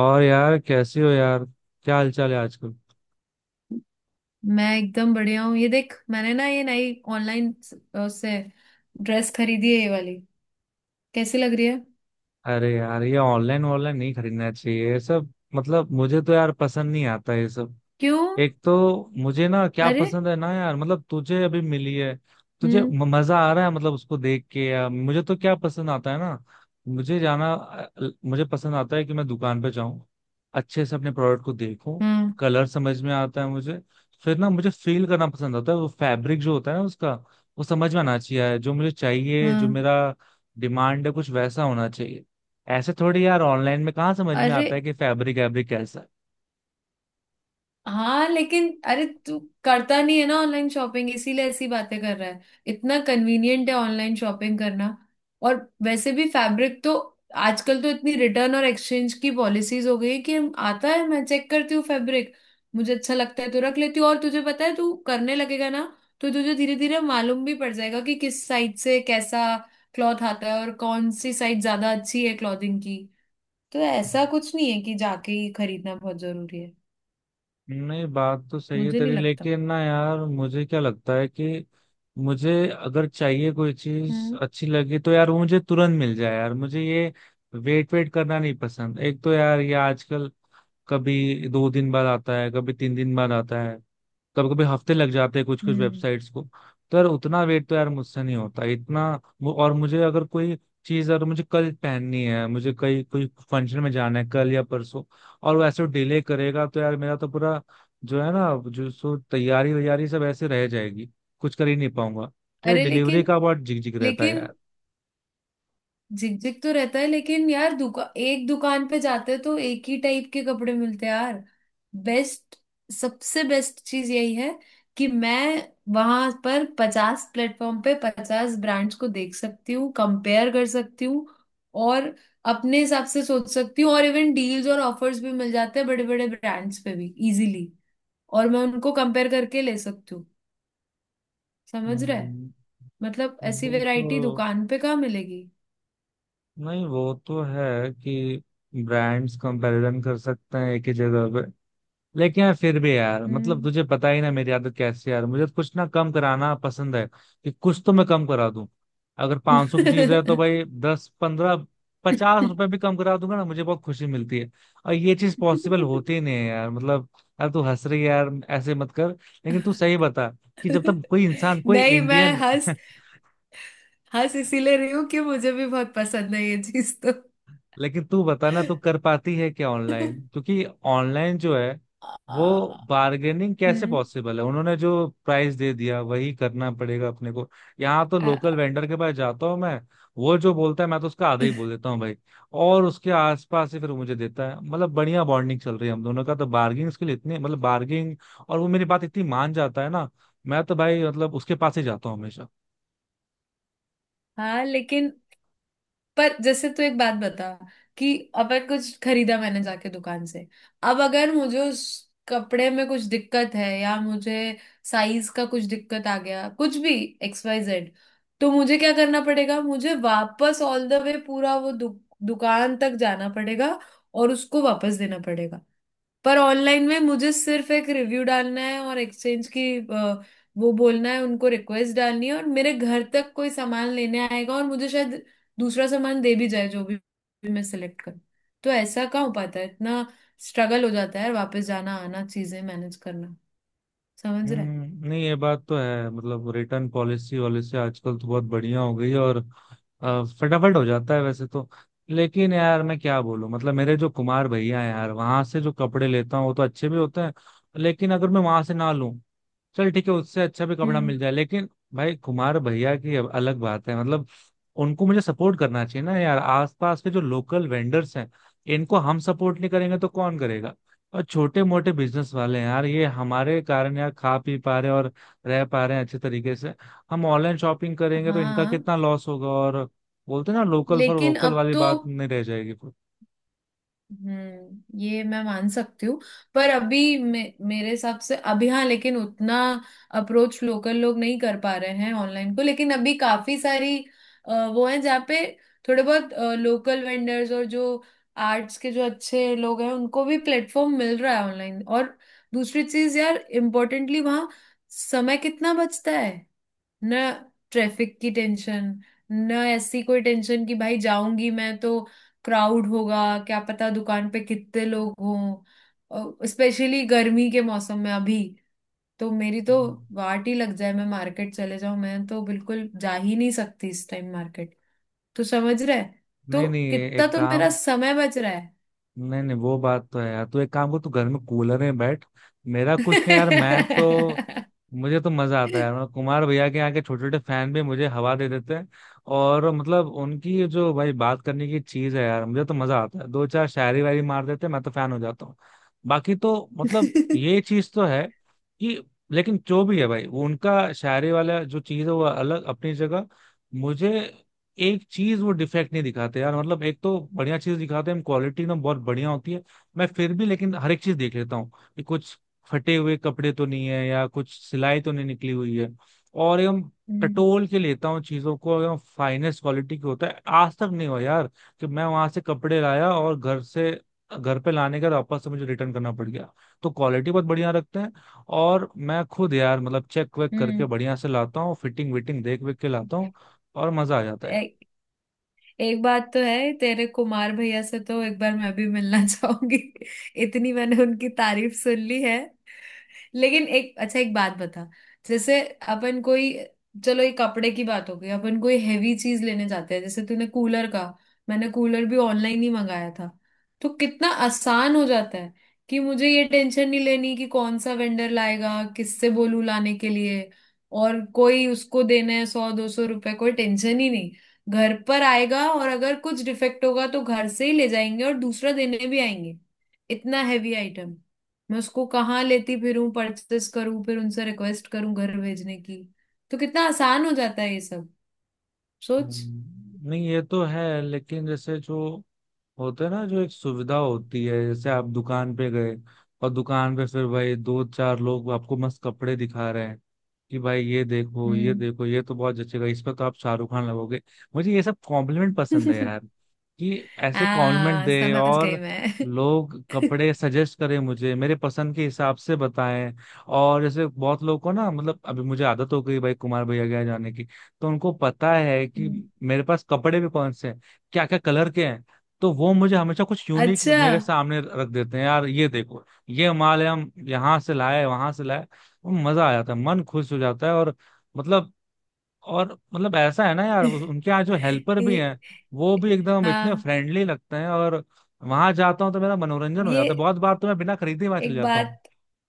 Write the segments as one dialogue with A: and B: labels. A: और यार कैसे हो यार, क्या हालचाल है आजकल।
B: मैं एकदम बढ़िया हूँ। ये देख मैंने ना ये नई ऑनलाइन उससे ड्रेस खरीदी है, ये वाली। कैसी लग रही है?
A: अरे यार ये ऑनलाइन ऑनलाइन नहीं खरीदना चाहिए ये सब। मतलब मुझे तो यार पसंद नहीं आता ये सब।
B: क्यों?
A: एक तो मुझे ना क्या
B: अरे।
A: पसंद है ना यार, मतलब तुझे अभी मिली है, तुझे
B: हम्म।
A: मजा आ रहा है मतलब उसको देख के, या मुझे तो क्या पसंद आता है ना। मुझे जाना मुझे पसंद आता है कि मैं दुकान पे जाऊं, अच्छे से अपने प्रोडक्ट को देखूं।
B: हम्म।
A: कलर समझ में आता है मुझे। फिर ना मुझे फील करना पसंद आता है वो फैब्रिक जो होता है ना उसका। वो समझ में आना चाहिए जो मुझे चाहिए, जो
B: हम्म।
A: मेरा डिमांड है कुछ वैसा होना चाहिए। ऐसे थोड़ी यार ऑनलाइन में कहाँ समझ में
B: अरे
A: आता है कि फैब्रिक वैब्रिक कैसा
B: हाँ, लेकिन अरे तू करता नहीं है ना ऑनलाइन शॉपिंग, इसीलिए ऐसी बातें कर रहा है। इतना कन्वीनियंट है ऑनलाइन शॉपिंग करना। और वैसे भी फैब्रिक तो आजकल तो इतनी रिटर्न और एक्सचेंज की पॉलिसीज हो गई है कि हम आता है मैं चेक करती हूँ फैब्रिक। मुझे अच्छा लगता है तो रख लेती हूँ। और तुझे पता है तू करने लगेगा ना, तो तुझे धीरे धीरे मालूम भी पड़ जाएगा कि किस साइड से कैसा क्लॉथ आता है और कौन सी साइड ज्यादा अच्छी है क्लॉथिंग की। तो
A: है।
B: ऐसा कुछ नहीं है कि जाके ही खरीदना बहुत जरूरी है।
A: नहीं बात तो सही है
B: मुझे नहीं
A: तेरी,
B: लगता।
A: लेकिन ना यार मुझे क्या लगता है कि मुझे अगर चाहिए, कोई चीज
B: हम्म।
A: अच्छी लगी तो यार वो मुझे तुरंत मिल जाए यार। मुझे ये वेट वेट करना नहीं पसंद। एक तो यार ये आजकल कभी दो दिन बाद आता है, कभी तीन दिन बाद आता है, कभी कभी हफ्ते लग जाते हैं कुछ कुछ
B: हम्म।
A: वेबसाइट्स को। तो यार उतना वेट तो यार मुझसे नहीं होता इतना। और मुझे अगर कोई चीज अगर मुझे कल पहननी है, मुझे कहीं कोई फंक्शन में जाना है कल या परसों, और वो ऐसे डिले करेगा तो यार मेरा तो पूरा जो है ना, जो सो तैयारी वैयारी सब ऐसे रह जाएगी। कुछ कर ही नहीं पाऊंगा। तो ये
B: अरे
A: डिलीवरी
B: लेकिन
A: का बहुत झिकझिक रहता है
B: लेकिन
A: यार।
B: झिकझिक तो रहता है, लेकिन यार दुका एक दुकान पे जाते हैं तो एक ही टाइप के कपड़े मिलते हैं यार। बेस्ट, सबसे बेस्ट चीज यही है कि मैं वहां पर 50 प्लेटफॉर्म पे 50 ब्रांड्स को देख सकती हूँ, कंपेयर कर सकती हूँ और अपने हिसाब से सोच सकती हूँ। और इवन डील्स और ऑफर्स भी मिल जाते हैं बड़े बड़े ब्रांड्स पे भी इजीली, और मैं उनको कंपेयर करके ले सकती हूँ। समझ रहे?
A: हम्म।
B: मतलब ऐसी
A: वो तो,
B: वैरायटी दुकान पे कहाँ मिलेगी।
A: नहीं वो तो है कि ब्रांड्स कंपैरिजन कर सकते हैं एक ही जगह पे, लेकिन यार फिर भी यार मतलब
B: हम्म।
A: तुझे पता ही ना मेरी आदत कैसी है यार। मुझे तो कुछ ना कम कराना पसंद है, कि कुछ तो मैं कम करा दूं। अगर 500 सौ की चीज है तो भाई दस पंद्रह पचास रुपए भी कम करा दूंगा ना, मुझे बहुत खुशी मिलती है। और ये चीज पॉसिबल होती ही नहीं है यार मतलब। यार तू हंस रही है यार, ऐसे मत कर। लेकिन तू सही बता कि जब तक कोई इंसान, कोई
B: नहीं, मैं
A: इंडियन
B: हंस हंस इसीलिए रही हूँ कि मुझे भी बहुत पसंद है ये चीज तो।
A: लेकिन तू बताना, तू कर पाती है क्या ऑनलाइन? क्योंकि ऑनलाइन जो है वो
B: आ,
A: बार्गेनिंग कैसे
B: हम्म।
A: पॉसिबल है? उन्होंने जो प्राइस दे दिया वही करना पड़ेगा अपने को। यहाँ तो
B: आ,
A: लोकल वेंडर के पास जाता हूँ मैं, वो जो बोलता है मैं तो उसका आधा ही बोल देता हूँ भाई, और उसके आसपास ही फिर वो मुझे देता है। मतलब बढ़िया बॉन्डिंग चल रही है हम दोनों का तो, बार्गेनिंग के लिए इतनी मतलब बार्गेनिंग। और वो मेरी बात इतनी मान जाता है ना, मैं तो भाई मतलब उसके पास ही जाता हूँ हमेशा।
B: हाँ लेकिन, पर जैसे तू एक बात बता कि अपन कुछ खरीदा मैंने जाके दुकान से। अब अगर मुझे उस कपड़े में कुछ दिक्कत है या मुझे साइज का कुछ दिक्कत आ गया, कुछ भी एक्स वाई जेड, तो मुझे क्या करना पड़ेगा? मुझे वापस ऑल द वे पूरा वो दुकान तक जाना पड़ेगा और उसको वापस देना पड़ेगा। पर ऑनलाइन में मुझे सिर्फ एक रिव्यू डालना है और एक्सचेंज की वो बोलना है उनको, रिक्वेस्ट डालनी है, और मेरे घर तक कोई सामान लेने आएगा और मुझे शायद दूसरा सामान दे भी जाए जो भी मैं सिलेक्ट करूँ। तो ऐसा कहाँ हो पाता है? इतना स्ट्रगल हो जाता है वापस जाना आना, चीजें मैनेज करना। समझ रहा है?
A: हम्म, नहीं ये बात तो है, मतलब रिटर्न पॉलिसी वॉलिसी आजकल तो बहुत बढ़िया हो गई है, और फटाफट हो जाता है वैसे तो। लेकिन यार मैं क्या बोलूं, मतलब मेरे जो कुमार भैया हैं यार वहां से जो कपड़े लेता हूँ वो तो अच्छे भी होते हैं। लेकिन अगर मैं वहां से ना लूं, चल ठीक है उससे अच्छा भी कपड़ा
B: हम्म।
A: मिल जाए, लेकिन भाई कुमार भैया की अब अलग बात है मतलब। उनको मुझे सपोर्ट करना चाहिए ना यार, आसपास के जो लोकल वेंडर्स हैं इनको हम सपोर्ट नहीं करेंगे तो कौन करेगा। और छोटे मोटे बिजनेस वाले हैं यार, ये हमारे कारण यार खा पी पा रहे हैं और रह पा रहे हैं अच्छे तरीके से। हम ऑनलाइन शॉपिंग करेंगे तो इनका
B: हाँ
A: कितना लॉस होगा। और बोलते हैं ना, लोकल फॉर
B: लेकिन
A: वोकल
B: अब
A: वाली
B: तो,
A: बात नहीं रह जाएगी फिर।
B: हम्म, ये मैं मान सकती हूँ। पर अभी मेरे हिसाब से अभी, हाँ, लेकिन उतना अप्रोच लोकल लोग नहीं कर पा रहे हैं ऑनलाइन को, लेकिन अभी काफी सारी वो हैं जहाँ पे थोड़े बहुत लोकल वेंडर्स और जो आर्ट्स के जो अच्छे लोग हैं, उनको भी प्लेटफॉर्म मिल रहा है ऑनलाइन। और दूसरी चीज यार इम्पोर्टेंटली वहाँ समय कितना बचता है ना। ट्रैफिक की टेंशन ना, ऐसी कोई टेंशन कि भाई जाऊंगी मैं तो क्राउड होगा, क्या पता दुकान पे कितने लोग हों, स्पेशली गर्मी के मौसम में अभी तो मेरी तो
A: हम्म।
B: वाट ही लग जाए। मैं मार्केट चले जाऊं, मैं तो बिल्कुल जा ही नहीं सकती इस टाइम मार्केट। तो समझ रहा है? तो
A: नहीं नहीं
B: कितना
A: एक
B: तो मेरा
A: काम,
B: समय बच रहा है।
A: नहीं नहीं वो बात तो है यार। तू एक काम कर, तू घर में कूलर में बैठ, मेरा कुछ नहीं यार, मैं तो, मुझे तो मजा आता है यार। मतलब कुमार भैया के यहाँ के छोटे छोटे फैन भी मुझे हवा दे देते हैं, और मतलब उनकी जो भाई बात करने की चीज है यार मुझे तो मजा आता है। दो चार शायरी वायरी मार देते हैं, मैं तो फैन हो जाता हूँ। बाकी तो मतलब ये चीज तो है कि, लेकिन जो भी है भाई वो उनका शायरी वाला जो चीज है वो अलग अपनी जगह। मुझे एक चीज, वो डिफेक्ट नहीं दिखाते यार, मतलब एक तो बढ़िया चीज दिखाते हैं, क्वालिटी एकदम बहुत बढ़िया होती है। मैं फिर भी लेकिन हर एक चीज देख लेता हूँ कि कुछ फटे हुए कपड़े तो नहीं है या कुछ सिलाई तो नहीं निकली हुई है। और एकदम
B: हम्म।
A: टटोल के लेता हूँ चीजों को, एकदम फाइनेस्ट क्वालिटी की होता है। आज तक नहीं हुआ यार कि मैं वहां से कपड़े लाया और घर से, घर पे लाने के बाद वापस से मुझे रिटर्न करना पड़ गया। तो क्वालिटी बहुत बढ़िया रखते हैं। और मैं खुद यार मतलब चेक वेक करके
B: हम्म।
A: बढ़िया से लाता हूँ, फिटिंग विटिंग देख वेख के लाता हूँ, और मजा आ जाता है यार।
B: एक बात तो है, तेरे कुमार भैया से तो एक बार मैं भी मिलना चाहूंगी। इतनी मैंने उनकी तारीफ सुन ली है। लेकिन एक अच्छा, एक बात बता। जैसे अपन कोई, चलो ये कपड़े की बात हो गई, अपन कोई हैवी चीज लेने जाते हैं जैसे तूने कूलर का, मैंने कूलर भी ऑनलाइन ही मंगाया था। तो कितना आसान हो जाता है कि मुझे ये टेंशन नहीं लेनी कि कौन सा वेंडर लाएगा, किससे बोलूं लाने के लिए, और कोई उसको देना है 100 200 रुपए, कोई टेंशन ही नहीं। घर पर आएगा और अगर कुछ डिफेक्ट होगा तो घर से ही ले जाएंगे और दूसरा देने भी आएंगे। इतना हैवी आइटम मैं उसको कहाँ लेती फिरूं? परचेस करूं फिर उनसे रिक्वेस्ट करूं घर भेजने की। तो कितना आसान हो जाता है ये सब, सोच।
A: नहीं ये तो है, लेकिन जैसे जो होते हैं ना, जो एक सुविधा होती है, जैसे आप दुकान पे गए और दुकान पे फिर भाई दो चार लोग आपको मस्त कपड़े दिखा रहे हैं कि भाई ये देखो ये
B: हम्म।
A: देखो, ये तो बहुत जचेगा, इस पर तो आप शाहरुख खान लगोगे। मुझे ये सब कॉम्प्लीमेंट पसंद है यार, कि
B: आ
A: ऐसे कॉम्प्लीमेंट दे
B: समझ गई
A: और
B: मैं।
A: लोग कपड़े सजेस्ट करें, मुझे मेरे पसंद के हिसाब से बताएं। और जैसे बहुत लोगों को ना, मतलब अभी मुझे आदत हो गई भाई कुमार भैया के यहाँ जाने की, तो उनको पता है कि
B: हम्म।
A: मेरे पास कपड़े भी कौन से हैं, क्या क्या कलर के हैं। तो वो मुझे हमेशा कुछ यूनिक
B: अच्छा।
A: मेरे सामने रख देते हैं यार, ये देखो ये माल है हम यहाँ से लाए वहां से लाए। वो मजा आ जाता है, मन खुश हो जाता है। और मतलब, और मतलब ऐसा है ना यार उनके यहाँ जो हेल्पर भी
B: ये
A: हैं वो भी एकदम इतने
B: हाँ,
A: फ्रेंडली लगते हैं। और वहां जाता हूँ तो मेरा मनोरंजन हो
B: ये
A: जाता है, बहुत बार तो मैं बिना खरीदे वहां चले
B: एक
A: जाता हूँ।
B: बात,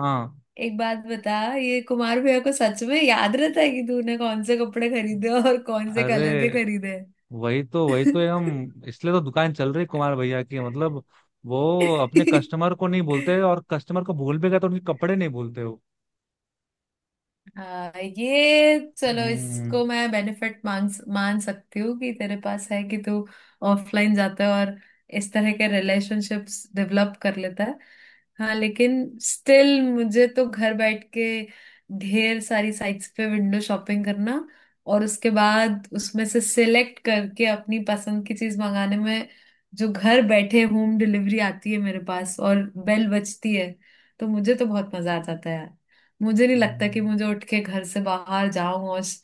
A: हाँ,
B: एक बात बता। ये कुमार भैया को सच में याद रहता है कि तूने कौन से कपड़े खरीदे और कौन से
A: अरे
B: कलर के खरीदे?
A: वही तो, वही तो, हम इसलिए तो दुकान चल रही है कुमार भैया की मतलब। वो अपने कस्टमर को नहीं भूलते, और कस्टमर को भूल भी गए तो उनके कपड़े नहीं भूलते वो।
B: हाँ, ये चलो
A: हम्म,
B: इसको मैं बेनिफिट मान, मान सकती हूँ कि तेरे पास है, कि तू ऑफलाइन जाता है और इस तरह के रिलेशनशिप्स डेवलप कर लेता है। हाँ लेकिन स्टिल मुझे तो घर बैठ के ढेर सारी साइट्स पे विंडो शॉपिंग करना और उसके बाद उसमें से सिलेक्ट करके अपनी पसंद की चीज मंगाने में, जो घर बैठे होम डिलीवरी आती है मेरे पास और बेल बजती है, तो मुझे तो बहुत मजा आ जाता है। मुझे नहीं लगता कि
A: हम्म,
B: मुझे उठ के घर से बाहर जाऊं और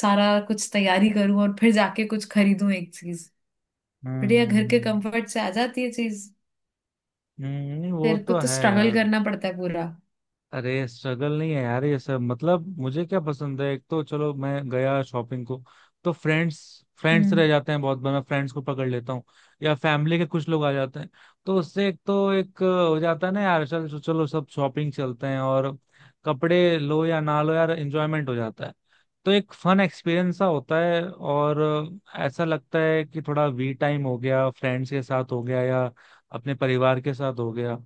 B: सारा कुछ तैयारी करूं और फिर जाके कुछ खरीदूं एक चीज।
A: हम्म,
B: बढ़िया घर के कंफर्ट से आ जाती है चीज।
A: नहीं वो
B: तेरे को
A: तो
B: तो
A: है
B: स्ट्रगल
A: यार।
B: करना पड़ता है पूरा।
A: अरे स्ट्रगल नहीं है यार ये सब, मतलब मुझे क्या पसंद है, एक तो चलो मैं गया शॉपिंग को, तो फ्रेंड्स फ्रेंड्स रह
B: हम्म।
A: जाते हैं। बहुत बार मैं फ्रेंड्स को पकड़ लेता हूँ या फैमिली के कुछ लोग आ जाते हैं, तो उससे एक तो एक हो जाता है ना यार, चलो चलो सब शॉपिंग चलते हैं, और कपड़े लो या ना लो यार एंजॉयमेंट हो जाता है। तो एक फन एक्सपीरियंस सा होता है, और ऐसा लगता है कि थोड़ा वी टाइम हो गया, फ्रेंड्स के साथ हो गया या अपने परिवार के साथ हो गया।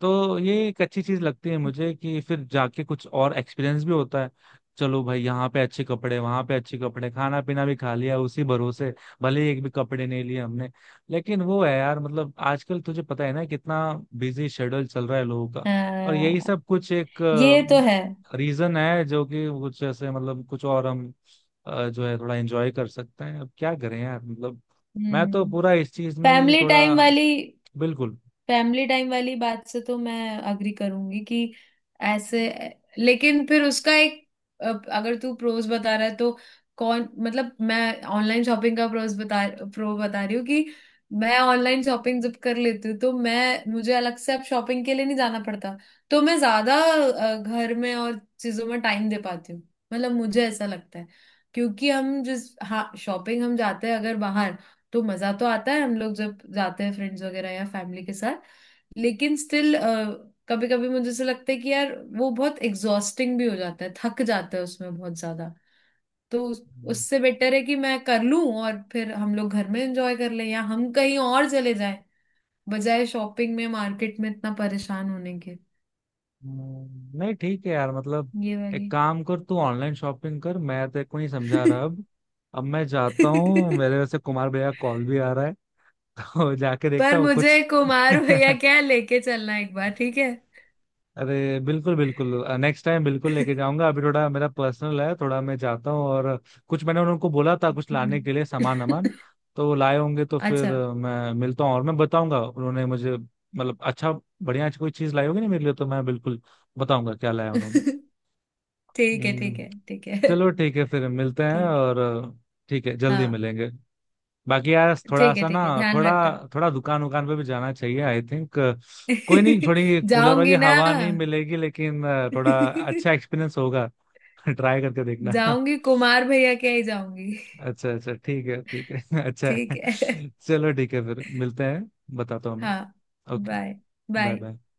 A: तो ये एक अच्छी चीज लगती है मुझे कि फिर जाके कुछ और एक्सपीरियंस भी होता है। चलो भाई यहाँ पे अच्छे कपड़े वहां पे अच्छे कपड़े, खाना पीना भी खा लिया उसी भरोसे, भले ही एक भी कपड़े नहीं लिए हमने। लेकिन वो है यार मतलब आजकल तुझे पता है ना कितना बिजी शेड्यूल चल रहा है लोगों का,
B: अ,
A: और यही सब कुछ एक
B: ये तो है।
A: रीजन है जो कि कुछ ऐसे, मतलब कुछ और हम जो है थोड़ा एंजॉय कर सकते हैं। अब क्या करें यार मतलब, मैं तो
B: हम्म।
A: पूरा इस चीज में ही
B: फैमिली
A: थोड़ा,
B: टाइम वाली,
A: बिल्कुल।
B: फैमिली टाइम वाली बात से तो मैं अग्री करूंगी कि ऐसे, लेकिन फिर उसका एक, अब अगर तू प्रोज बता रहा है तो कौन मतलब मैं ऑनलाइन शॉपिंग का प्रोज बता, प्रो बता रही हूँ कि मैं ऑनलाइन शॉपिंग जब कर लेती हूँ तो मैं, मुझे अलग से अब शॉपिंग के लिए नहीं जाना पड़ता, तो मैं ज्यादा घर में और चीजों में टाइम दे पाती हूँ। मतलब मुझे ऐसा लगता है, क्योंकि हम जिस, हाँ, शॉपिंग हम जाते हैं अगर बाहर तो मजा तो आता है, हम लोग जब जाते हैं फ्रेंड्स वगैरह या फैमिली के साथ, लेकिन स्टिल कभी कभी मुझे ऐसा लगता है कि यार वो बहुत एग्जॉस्टिंग भी हो जाता है, थक जाता है उसमें बहुत ज्यादा। तो उससे बेटर है कि मैं कर लूं और फिर हम लोग घर में एंजॉय कर लें या हम कहीं और चले जाएं, बजाय शॉपिंग में मार्केट में इतना परेशान होने के।
A: नहीं ठीक है यार मतलब,
B: ये
A: एक
B: वाली।
A: काम कर तू ऑनलाइन शॉपिंग कर, मैं तेरे को नहीं समझा रहा अब। अब मैं जाता हूँ, मेरे वैसे कुमार भैया कॉल भी आ रहा है। और जाके देखता
B: पर
A: हूँ
B: मुझे
A: कुछ।
B: कुमार भैया क्या, लेके चलना एक बार, ठीक है।
A: अरे बिल्कुल बिल्कुल, नेक्स्ट टाइम बिल्कुल लेके जाऊंगा, अभी थोड़ा मेरा पर्सनल है, थोड़ा मैं जाता हूँ और कुछ मैंने उनको बोला था कुछ लाने के लिए
B: हम्म।
A: सामान वामान, तो वो लाए होंगे, तो फिर
B: अच्छा।
A: मैं मिलता हूँ और मैं बताऊंगा, उन्होंने मुझे मतलब अच्छा बढ़िया कोई चीज़ लाई होगी ना मेरे लिए, तो मैं बिल्कुल बताऊंगा क्या लाया उन्होंने।
B: ठीक है, ठीक
A: हम्म,
B: है, ठीक है।
A: चलो ठीक है फिर मिलते हैं
B: ठीक
A: और ठीक है,
B: है
A: जल्दी
B: हाँ।
A: मिलेंगे। बाकी यार थोड़ा
B: ठीक है,
A: सा ना,
B: ठीक है, ध्यान
A: थोड़ा,
B: रखना।
A: थोड़ा दुकान उकान पे भी जाना चाहिए आई थिंक। कोई नहीं, थोड़ी कूलर वाली
B: जाऊंगी ना।
A: हवा नहीं मिलेगी लेकिन थोड़ा अच्छा एक्सपीरियंस होगा। ट्राई करके देखना।
B: जाऊंगी कुमार भैया के ही जाऊंगी।
A: अच्छा अच्छा ठीक है ठीक है। अच्छा
B: ठीक
A: है,
B: है।
A: चलो ठीक है फिर मिलते हैं। बताता हूँ
B: हाँ।
A: मैं, okay.
B: Bye.
A: Bye
B: bye.
A: Bye.